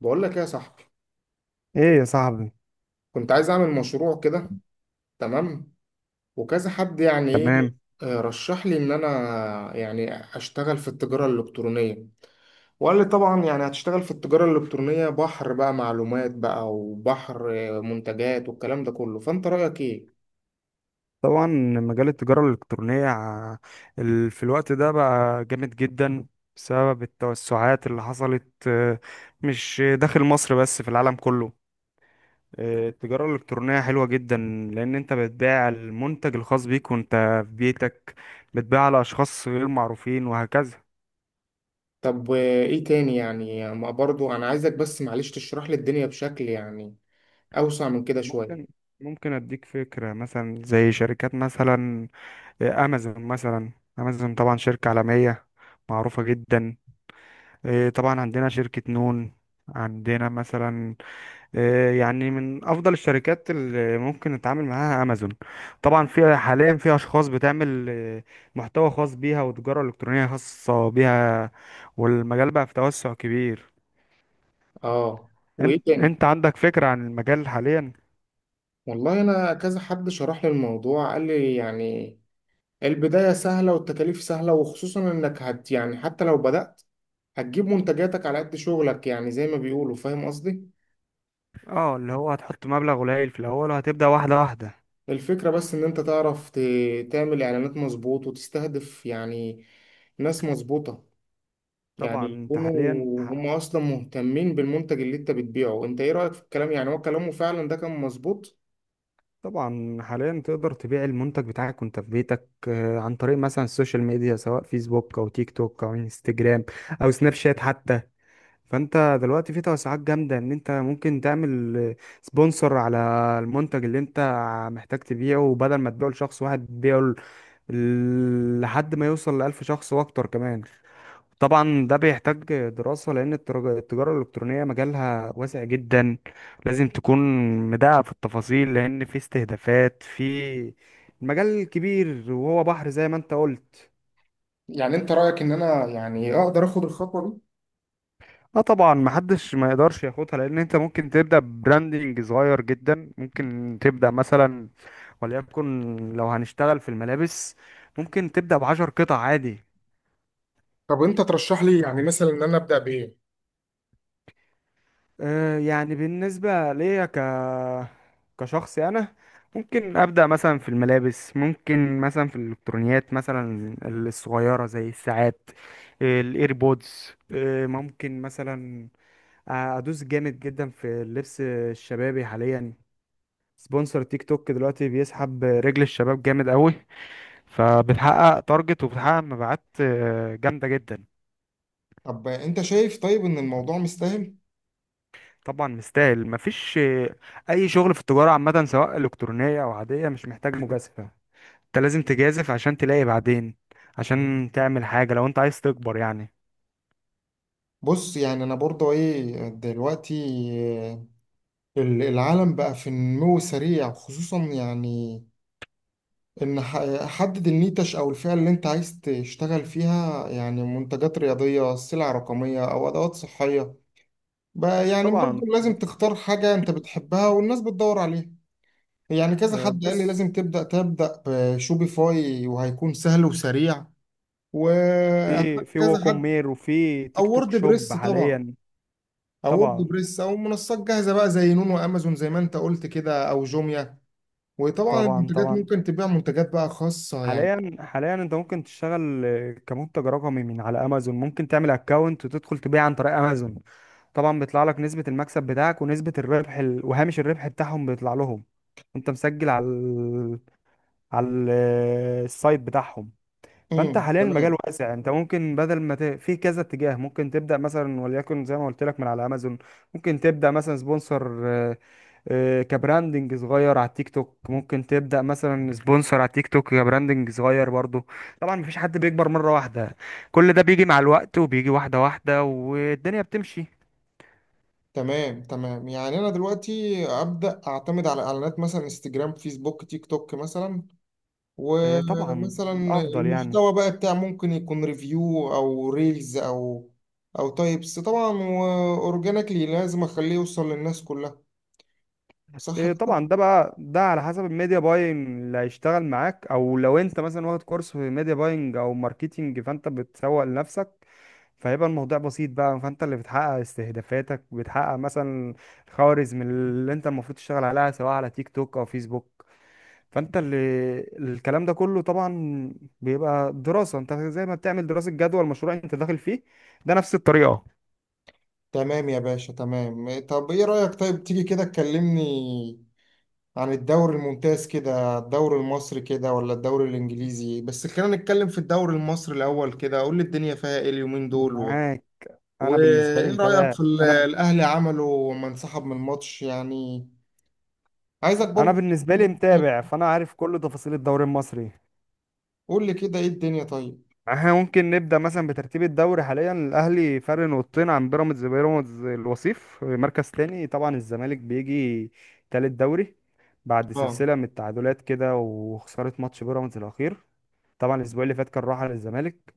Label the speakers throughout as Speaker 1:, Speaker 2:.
Speaker 1: بقول لك ايه يا صاحبي.
Speaker 2: ايه يا صاحبي.
Speaker 1: كنت عايز اعمل مشروع كده، تمام، وكذا حد يعني ايه.
Speaker 2: تمام.
Speaker 1: رشح لي ان انا يعني اشتغل في التجارة الالكترونية، وقال لي طبعا يعني هتشتغل في التجارة الالكترونية، بحر بقى معلومات بقى وبحر منتجات والكلام ده كله. فانت رأيك ايه؟
Speaker 2: طبعا، مجال التجارة الإلكترونية في الوقت ده بقى جامد جدا، بسبب التوسعات اللي حصلت. مش داخل مصر بس في العالم كله. التجارة الإلكترونية حلوة جدا، لأن أنت بتبيع المنتج الخاص بيك وأنت في بيتك، بتبيع لأشخاص غير معروفين وهكذا.
Speaker 1: طب ايه تاني يعني؟ ما برضو انا عايزك بس معلش تشرح لي الدنيا بشكل يعني اوسع من كده شوية.
Speaker 2: ممكن ممكن أديك فكرة، مثلا زي شركات مثلا أمازون. مثلا أمازون طبعا شركة عالمية معروفة جدا. طبعا عندنا شركة نون، عندنا مثلا يعني من أفضل الشركات اللي ممكن نتعامل معاها أمازون. طبعا في حاليا في أشخاص بتعمل محتوى خاص بيها وتجارة إلكترونية خاصة بيها، والمجال بقى في توسع كبير.
Speaker 1: اه، وايه
Speaker 2: انت
Speaker 1: تاني؟
Speaker 2: انت عندك فكرة عن المجال حاليا؟
Speaker 1: والله انا كذا حد شرح لي الموضوع، قال لي يعني البداية سهلة والتكاليف سهلة، وخصوصا انك هت يعني حتى لو بدأت هتجيب منتجاتك على قد شغلك، يعني زي ما بيقولوا، فاهم قصدي.
Speaker 2: اه، اللي هو هتحط مبلغ قليل في الأول وهتبدأ واحدة واحدة.
Speaker 1: الفكرة بس ان انت تعرف تعمل اعلانات مظبوط وتستهدف يعني ناس مظبوطة،
Speaker 2: طبعا
Speaker 1: يعني
Speaker 2: انت
Speaker 1: يكونوا
Speaker 2: حاليا.
Speaker 1: هم اصلا مهتمين بالمنتج اللي انت بتبيعه. انت ايه رأيك في الكلام؟ يعني هو كلامه فعلا ده كان مظبوط؟
Speaker 2: طبعا حاليا تقدر تبيع المنتج بتاعك وانت في بيتك، عن طريق مثلا السوشيال ميديا، سواء فيسبوك او تيك توك او انستجرام او سناب شات حتى. فانت دلوقتي في توسعات جامدة ان انت ممكن تعمل سبونسر على المنتج اللي انت محتاج تبيعه، وبدل ما تبيعه لشخص واحد تبيعه لحد ما يوصل لألف شخص واكتر كمان. طبعا ده بيحتاج دراسة، لأن التجارة الإلكترونية مجالها واسع جدا. لازم تكون مدقق في التفاصيل، لأن في استهدافات، في المجال كبير وهو بحر زي ما انت قلت.
Speaker 1: يعني انت رأيك ان انا يعني اقدر اخد الخطوة دي؟
Speaker 2: اه طبعا، محدش ما يقدرش ياخدها، لأن انت ممكن تبدأ براندنج صغير جدا. ممكن تبدأ مثلا، وليكن لو هنشتغل في الملابس، ممكن تبدأ بعشر قطع عادي.
Speaker 1: طب انت ترشح لي يعني مثلا ان انا ابدأ بايه؟
Speaker 2: يعني بالنسبة ليا كشخصي أنا، ممكن أبدأ مثلا في الملابس، ممكن مثلا في الإلكترونيات مثلا الصغيرة زي الساعات، الإيربودز. ممكن مثلا أدوس جامد جدا في اللبس الشبابي حاليا. سبونسر تيك توك دلوقتي بيسحب رجل الشباب جامد قوي، فبتحقق تارجت وبتحقق مبيعات جامدة جدا.
Speaker 1: طب انت شايف طيب ان الموضوع مستاهل؟
Speaker 2: طبعا مستاهل. مفيش اي شغل في التجاره عامه، سواء الكترونيه او عاديه، مش محتاج مجازفه. انت لازم تجازف عشان تلاقي بعدين، عشان تعمل حاجه لو انت عايز تكبر يعني.
Speaker 1: بص يعني انا برضو ايه دلوقتي، آه، العالم بقى في نمو سريع، خصوصا يعني ان حدد النيتش او الفئة اللي انت عايز تشتغل فيها، يعني منتجات رياضية، سلع رقمية او ادوات صحية بقى. يعني برضو
Speaker 2: طبعا،
Speaker 1: لازم تختار حاجة انت بتحبها والناس بتدور عليها. يعني كذا حد قال لي
Speaker 2: بص.
Speaker 1: لازم تبدأ بشوبيفاي وهيكون سهل وسريع،
Speaker 2: في
Speaker 1: وكذا حد
Speaker 2: ووكومير وفي
Speaker 1: او
Speaker 2: تيك توك
Speaker 1: وورد
Speaker 2: شوب
Speaker 1: بريس طبعا،
Speaker 2: حاليا.
Speaker 1: او وورد
Speaker 2: طبعا،
Speaker 1: بريس او منصات جاهزه بقى زي نون وامازون زي ما انت قلت كده، او جوميا. وطبعا
Speaker 2: طبعا،
Speaker 1: المنتجات
Speaker 2: طبعا.
Speaker 1: ممكن تبيع منتجات بقى خاصه يعني.
Speaker 2: حاليا حاليا انت ممكن تشتغل كمنتج رقمي من على امازون. ممكن تعمل اكونت وتدخل تبيع عن طريق امازون. طبعا بيطلع لك نسبة المكسب بتاعك ونسبة الربح وهامش الربح بتاعهم بيطلع لهم، وانت مسجل على على ال... السايت بتاعهم. فانت
Speaker 1: امم،
Speaker 2: حاليا المجال
Speaker 1: تمام،
Speaker 2: واسع، انت ممكن بدل ما في كذا اتجاه. ممكن تبدأ مثلا وليكن زي ما قلت لك من على امازون، ممكن تبدأ مثلا سبونسر كبراندنج صغير على التيك توك، ممكن تبدأ مثلا سبونسر على التيك توك كبراندنج صغير برضه. طبعا مفيش حد بيكبر مرة واحدة، كل ده بيجي مع الوقت وبيجي واحدة واحدة والدنيا بتمشي.
Speaker 1: تمام. تمام يعني انا دلوقتي ابدا اعتمد على اعلانات مثلا انستجرام، فيسبوك، تيك توك مثلا.
Speaker 2: إيه طبعا
Speaker 1: ومثلا
Speaker 2: الافضل يعني.
Speaker 1: المحتوى بقى بتاع ممكن يكون ريفيو او ريلز او او تايبس طبعا، واورجانيكلي لازم اخليه يوصل للناس كلها، صح؟
Speaker 2: إيه طبعا ده بقى، ده على حسب الميديا باينج اللي هيشتغل معاك، او لو انت مثلا واخد كورس في ميديا باينج او ماركتينج فانت بتسوق لنفسك، فهيبقى الموضوع بسيط بقى. فانت اللي بتحقق استهدافاتك، بتحقق مثلا الخوارزم اللي انت المفروض تشتغل عليها سواء على تيك توك او فيسبوك. فانت اللي الكلام ده كله طبعا بيبقى دراسة. انت زي ما بتعمل دراسة جدوى المشروع اللي انت داخل فيه، ده نفس الطريقة.
Speaker 1: تمام يا باشا، تمام. طب ايه رأيك طيب تيجي كده تكلمني عن الدوري الممتاز كده، الدوري المصري كده ولا الدوري الانجليزي؟ بس خلينا نتكلم في الدوري المصري الاول كده. قول لي الدنيا فيها ايه اليومين دول، و...
Speaker 2: معاك. انا بالنسبة لي
Speaker 1: وايه رأيك
Speaker 2: متابع.
Speaker 1: في
Speaker 2: انا
Speaker 1: الاهلي عمله لما انسحب من الماتش يعني؟ عايزك
Speaker 2: انا
Speaker 1: برضو.
Speaker 2: بالنسبه لي متابع، فانا عارف كل تفاصيل الدوري المصري.
Speaker 1: قول لي كده ايه الدنيا طيب.
Speaker 2: احنا ممكن نبدا مثلا بترتيب الدوري حاليا. الاهلي فرق نقطتين عن بيراميدز، بيراميدز الوصيف مركز تاني. طبعا الزمالك بيجي تالت دوري بعد
Speaker 1: اه.
Speaker 2: سلسله من التعادلات كده وخساره ماتش بيراميدز الاخير. طبعا الاسبوع اللي فات كان راحه للزمالك.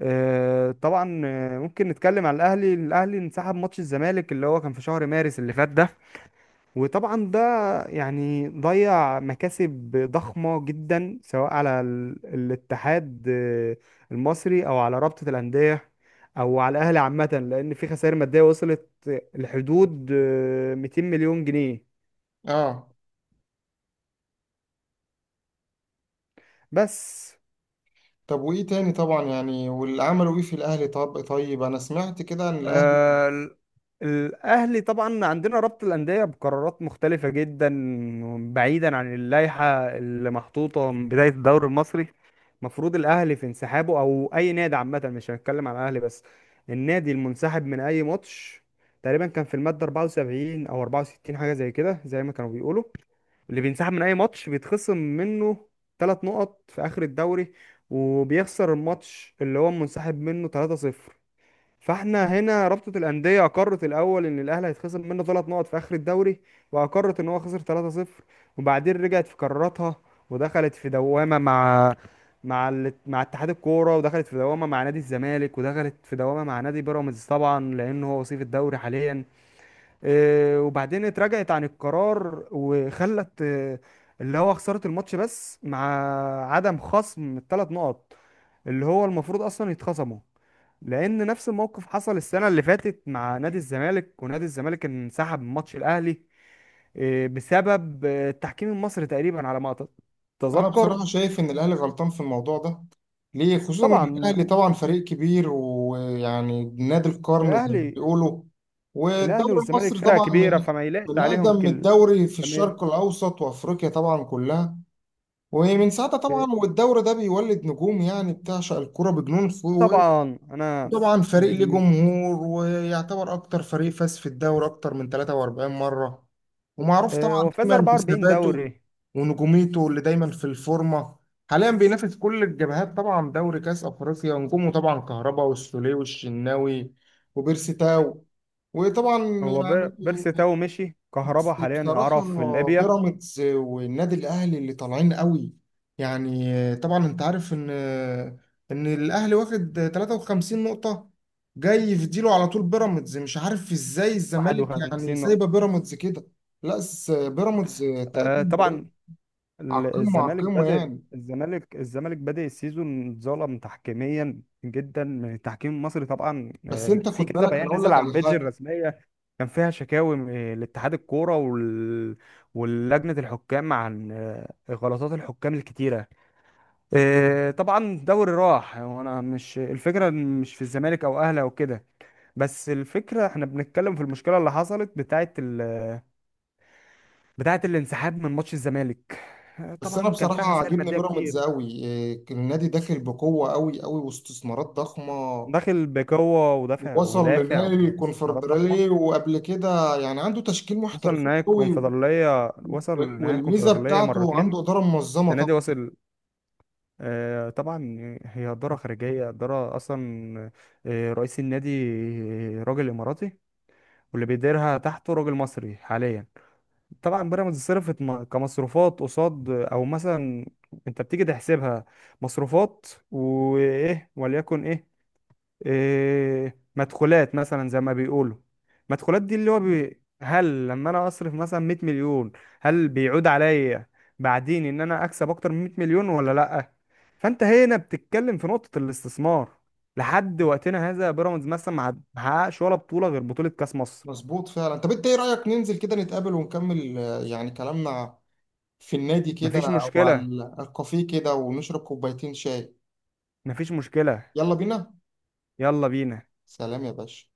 Speaker 2: طبعا ممكن نتكلم على الاهلي انسحب ماتش الزمالك اللي هو كان في شهر مارس اللي فات ده. وطبعا ده يعني ضيع مكاسب ضخمة جدا، سواء على الاتحاد المصري أو على رابطة الأندية أو على الأهلي عامة، لأن في خسائر مادية وصلت لحدود 200 مليون جنيه
Speaker 1: اه،
Speaker 2: بس.
Speaker 1: طب وايه تاني طبعا يعني؟ واللي عملوا ايه في الاهلي؟ طب طيب، انا سمعت كده ان الاهلي،
Speaker 2: آه، ال- الأهلي طبعا عندنا رابطة الأندية بقرارات مختلفة جدا، بعيدا عن اللائحة اللي محطوطة من بداية الدوري المصري. مفروض الاهلي في انسحابه او اي نادي عامه، مش هنتكلم على الاهلي بس، النادي المنسحب من اي ماتش تقريبا كان في الماده 74 او 64، حاجه زي كده زي ما كانوا بيقولوا اللي بينسحب من اي ماتش بيتخصم منه 3 نقط في اخر الدوري، وبيخسر الماتش اللي هو منسحب منه 3-0. فاحنا هنا رابطة الأندية أقرت الأول إن الأهلي هيتخصم منه 3 نقط في آخر الدوري، وأقرت إن هو خسر 3-0، وبعدين رجعت في قراراتها ودخلت في دوامة مع مع اتحاد الكورة، ودخلت في دوامة مع نادي الزمالك، ودخلت في دوامة مع نادي بيراميدز، طبعا لأن هو وصيف الدوري حاليا. وبعدين اتراجعت عن القرار وخلت اللي هو خسارة الماتش بس، مع عدم خصم الثلاث نقط اللي هو المفروض اصلا يتخصموا، لان نفس الموقف حصل السنه اللي فاتت مع نادي الزمالك، ونادي الزمالك انسحب من ماتش الاهلي بسبب التحكيم المصري تقريبا على ما
Speaker 1: انا
Speaker 2: اتذكر.
Speaker 1: بصراحه شايف ان الاهلي غلطان في الموضوع ده. ليه؟ خصوصا ان
Speaker 2: طبعا
Speaker 1: الاهلي طبعا فريق كبير، ويعني نادي القرن زي ما
Speaker 2: الاهلي
Speaker 1: بيقولوا،
Speaker 2: الاهلي
Speaker 1: والدوري
Speaker 2: والزمالك
Speaker 1: المصري
Speaker 2: فرقه
Speaker 1: طبعا
Speaker 2: كبيره
Speaker 1: من
Speaker 2: فما يلاقش
Speaker 1: من
Speaker 2: عليهم
Speaker 1: اقدم
Speaker 2: كل.
Speaker 1: الدوري في
Speaker 2: فما-
Speaker 1: الشرق الاوسط وافريقيا طبعا كلها. ومن ساعتها طبعا
Speaker 2: آه،
Speaker 1: والدوري ده بيولد نجوم، يعني بتعشق الكرة بجنون.
Speaker 2: طبعا، انا
Speaker 1: طبعا فريق ليه
Speaker 2: بالنسبه
Speaker 1: جمهور، ويعتبر اكتر فريق فاز في الدوري اكتر من 43 مرة، ومعروف
Speaker 2: آه،
Speaker 1: طبعا
Speaker 2: هو فاز
Speaker 1: دايما
Speaker 2: 44
Speaker 1: بثباته
Speaker 2: دوري.
Speaker 1: ونجوميته اللي دايما في الفورمة. حاليا بينافس كل الجبهات طبعا، دوري، كاس افريقيا. نجومه طبعا كهربا والسوليه والشناوي وبيرسي تاو وطبعا
Speaker 2: هو
Speaker 1: يعني.
Speaker 2: بيرسي تاو مشي،
Speaker 1: بس
Speaker 2: كهربا حاليا اعاره
Speaker 1: بصراحة
Speaker 2: في ليبيا.
Speaker 1: بيراميدز والنادي الأهلي اللي طالعين قوي، يعني طبعا أنت عارف إن إن الأهلي واخد 53 نقطة، جاي يفديله على طول بيراميدز. مش عارف إزاي الزمالك يعني
Speaker 2: 51
Speaker 1: سايبة
Speaker 2: نقطه.
Speaker 1: بيراميدز كده. لا، بس بيراميدز تقريبا
Speaker 2: آه،
Speaker 1: دلوقتي
Speaker 2: طبعا
Speaker 1: على
Speaker 2: ال-
Speaker 1: القمة، على
Speaker 2: الزمالك
Speaker 1: القمة
Speaker 2: بادئ
Speaker 1: يعني.
Speaker 2: الزمالك الزمالك بادئ السيزون، اتظلم تحكيميا جدا من التحكيم المصري، طبعا
Speaker 1: بس أنت
Speaker 2: في
Speaker 1: خد
Speaker 2: كذا
Speaker 1: بالك، أنا
Speaker 2: بيان
Speaker 1: أقول
Speaker 2: نزل
Speaker 1: لك
Speaker 2: على
Speaker 1: على
Speaker 2: البيدج
Speaker 1: حاجة.
Speaker 2: الرسميه، كان فيها شكاوي لاتحاد الكوره ولجنه الحكام عن غلطات الحكام الكتيره. طبعا دوري راح، وانا مش الفكره مش في الزمالك او اهلي او كده، بس الفكره احنا بنتكلم في المشكله اللي حصلت بتاعه الانسحاب من ماتش الزمالك.
Speaker 1: بس أنا
Speaker 2: طبعا كان فيها
Speaker 1: بصراحة
Speaker 2: خسائر
Speaker 1: عاجبني
Speaker 2: ماديه
Speaker 1: بيراميدز
Speaker 2: كتير.
Speaker 1: قوي. النادي داخل بقوة قوي قوي واستثمارات ضخمة.
Speaker 2: داخل بقوة ودافع
Speaker 1: وصل
Speaker 2: ودافع
Speaker 1: لنهائي
Speaker 2: واستثمارات ضخمة.
Speaker 1: الكونفدرالية وقبل كده، يعني عنده تشكيل
Speaker 2: وصل
Speaker 1: محترفين
Speaker 2: لنهاية
Speaker 1: قوي،
Speaker 2: الكونفدرالية، وصل لنهاية
Speaker 1: والميزة
Speaker 2: الكونفدرالية
Speaker 1: بتاعته عنده
Speaker 2: مرتين.
Speaker 1: إدارة منظمة
Speaker 2: السنة دي
Speaker 1: طبعا.
Speaker 2: وصل. طبعا هي إدارة خارجية، إدارة أصلا رئيس النادي راجل إماراتي، واللي بيديرها تحته راجل مصري حاليا. طبعا بيراميدز صرفت كمصروفات قصاد، أو مثلا أنت بتيجي تحسبها مصروفات وإيه، وليكن إيه مدخولات مثلا زي ما بيقولوا. مدخولات دي اللي هو هل لما انا اصرف مثلا 100 مليون هل بيعود عليا بعدين ان انا اكسب اكتر من 100 مليون ولا لا؟ فانت هنا بتتكلم في نقطة الاستثمار. لحد وقتنا هذا بيراميدز مثلا ما حققش ولا بطولة غير بطولة كاس مصر.
Speaker 1: مظبوط فعلا. طب انت ايه رأيك ننزل كده نتقابل ونكمل يعني كلامنا في النادي كده
Speaker 2: مفيش
Speaker 1: او
Speaker 2: مشكلة.
Speaker 1: على الكافيه كده ونشرب كوبايتين شاي؟
Speaker 2: مفيش مشكلة.
Speaker 1: يلا بينا.
Speaker 2: يلا بينا.
Speaker 1: سلام يا باشا.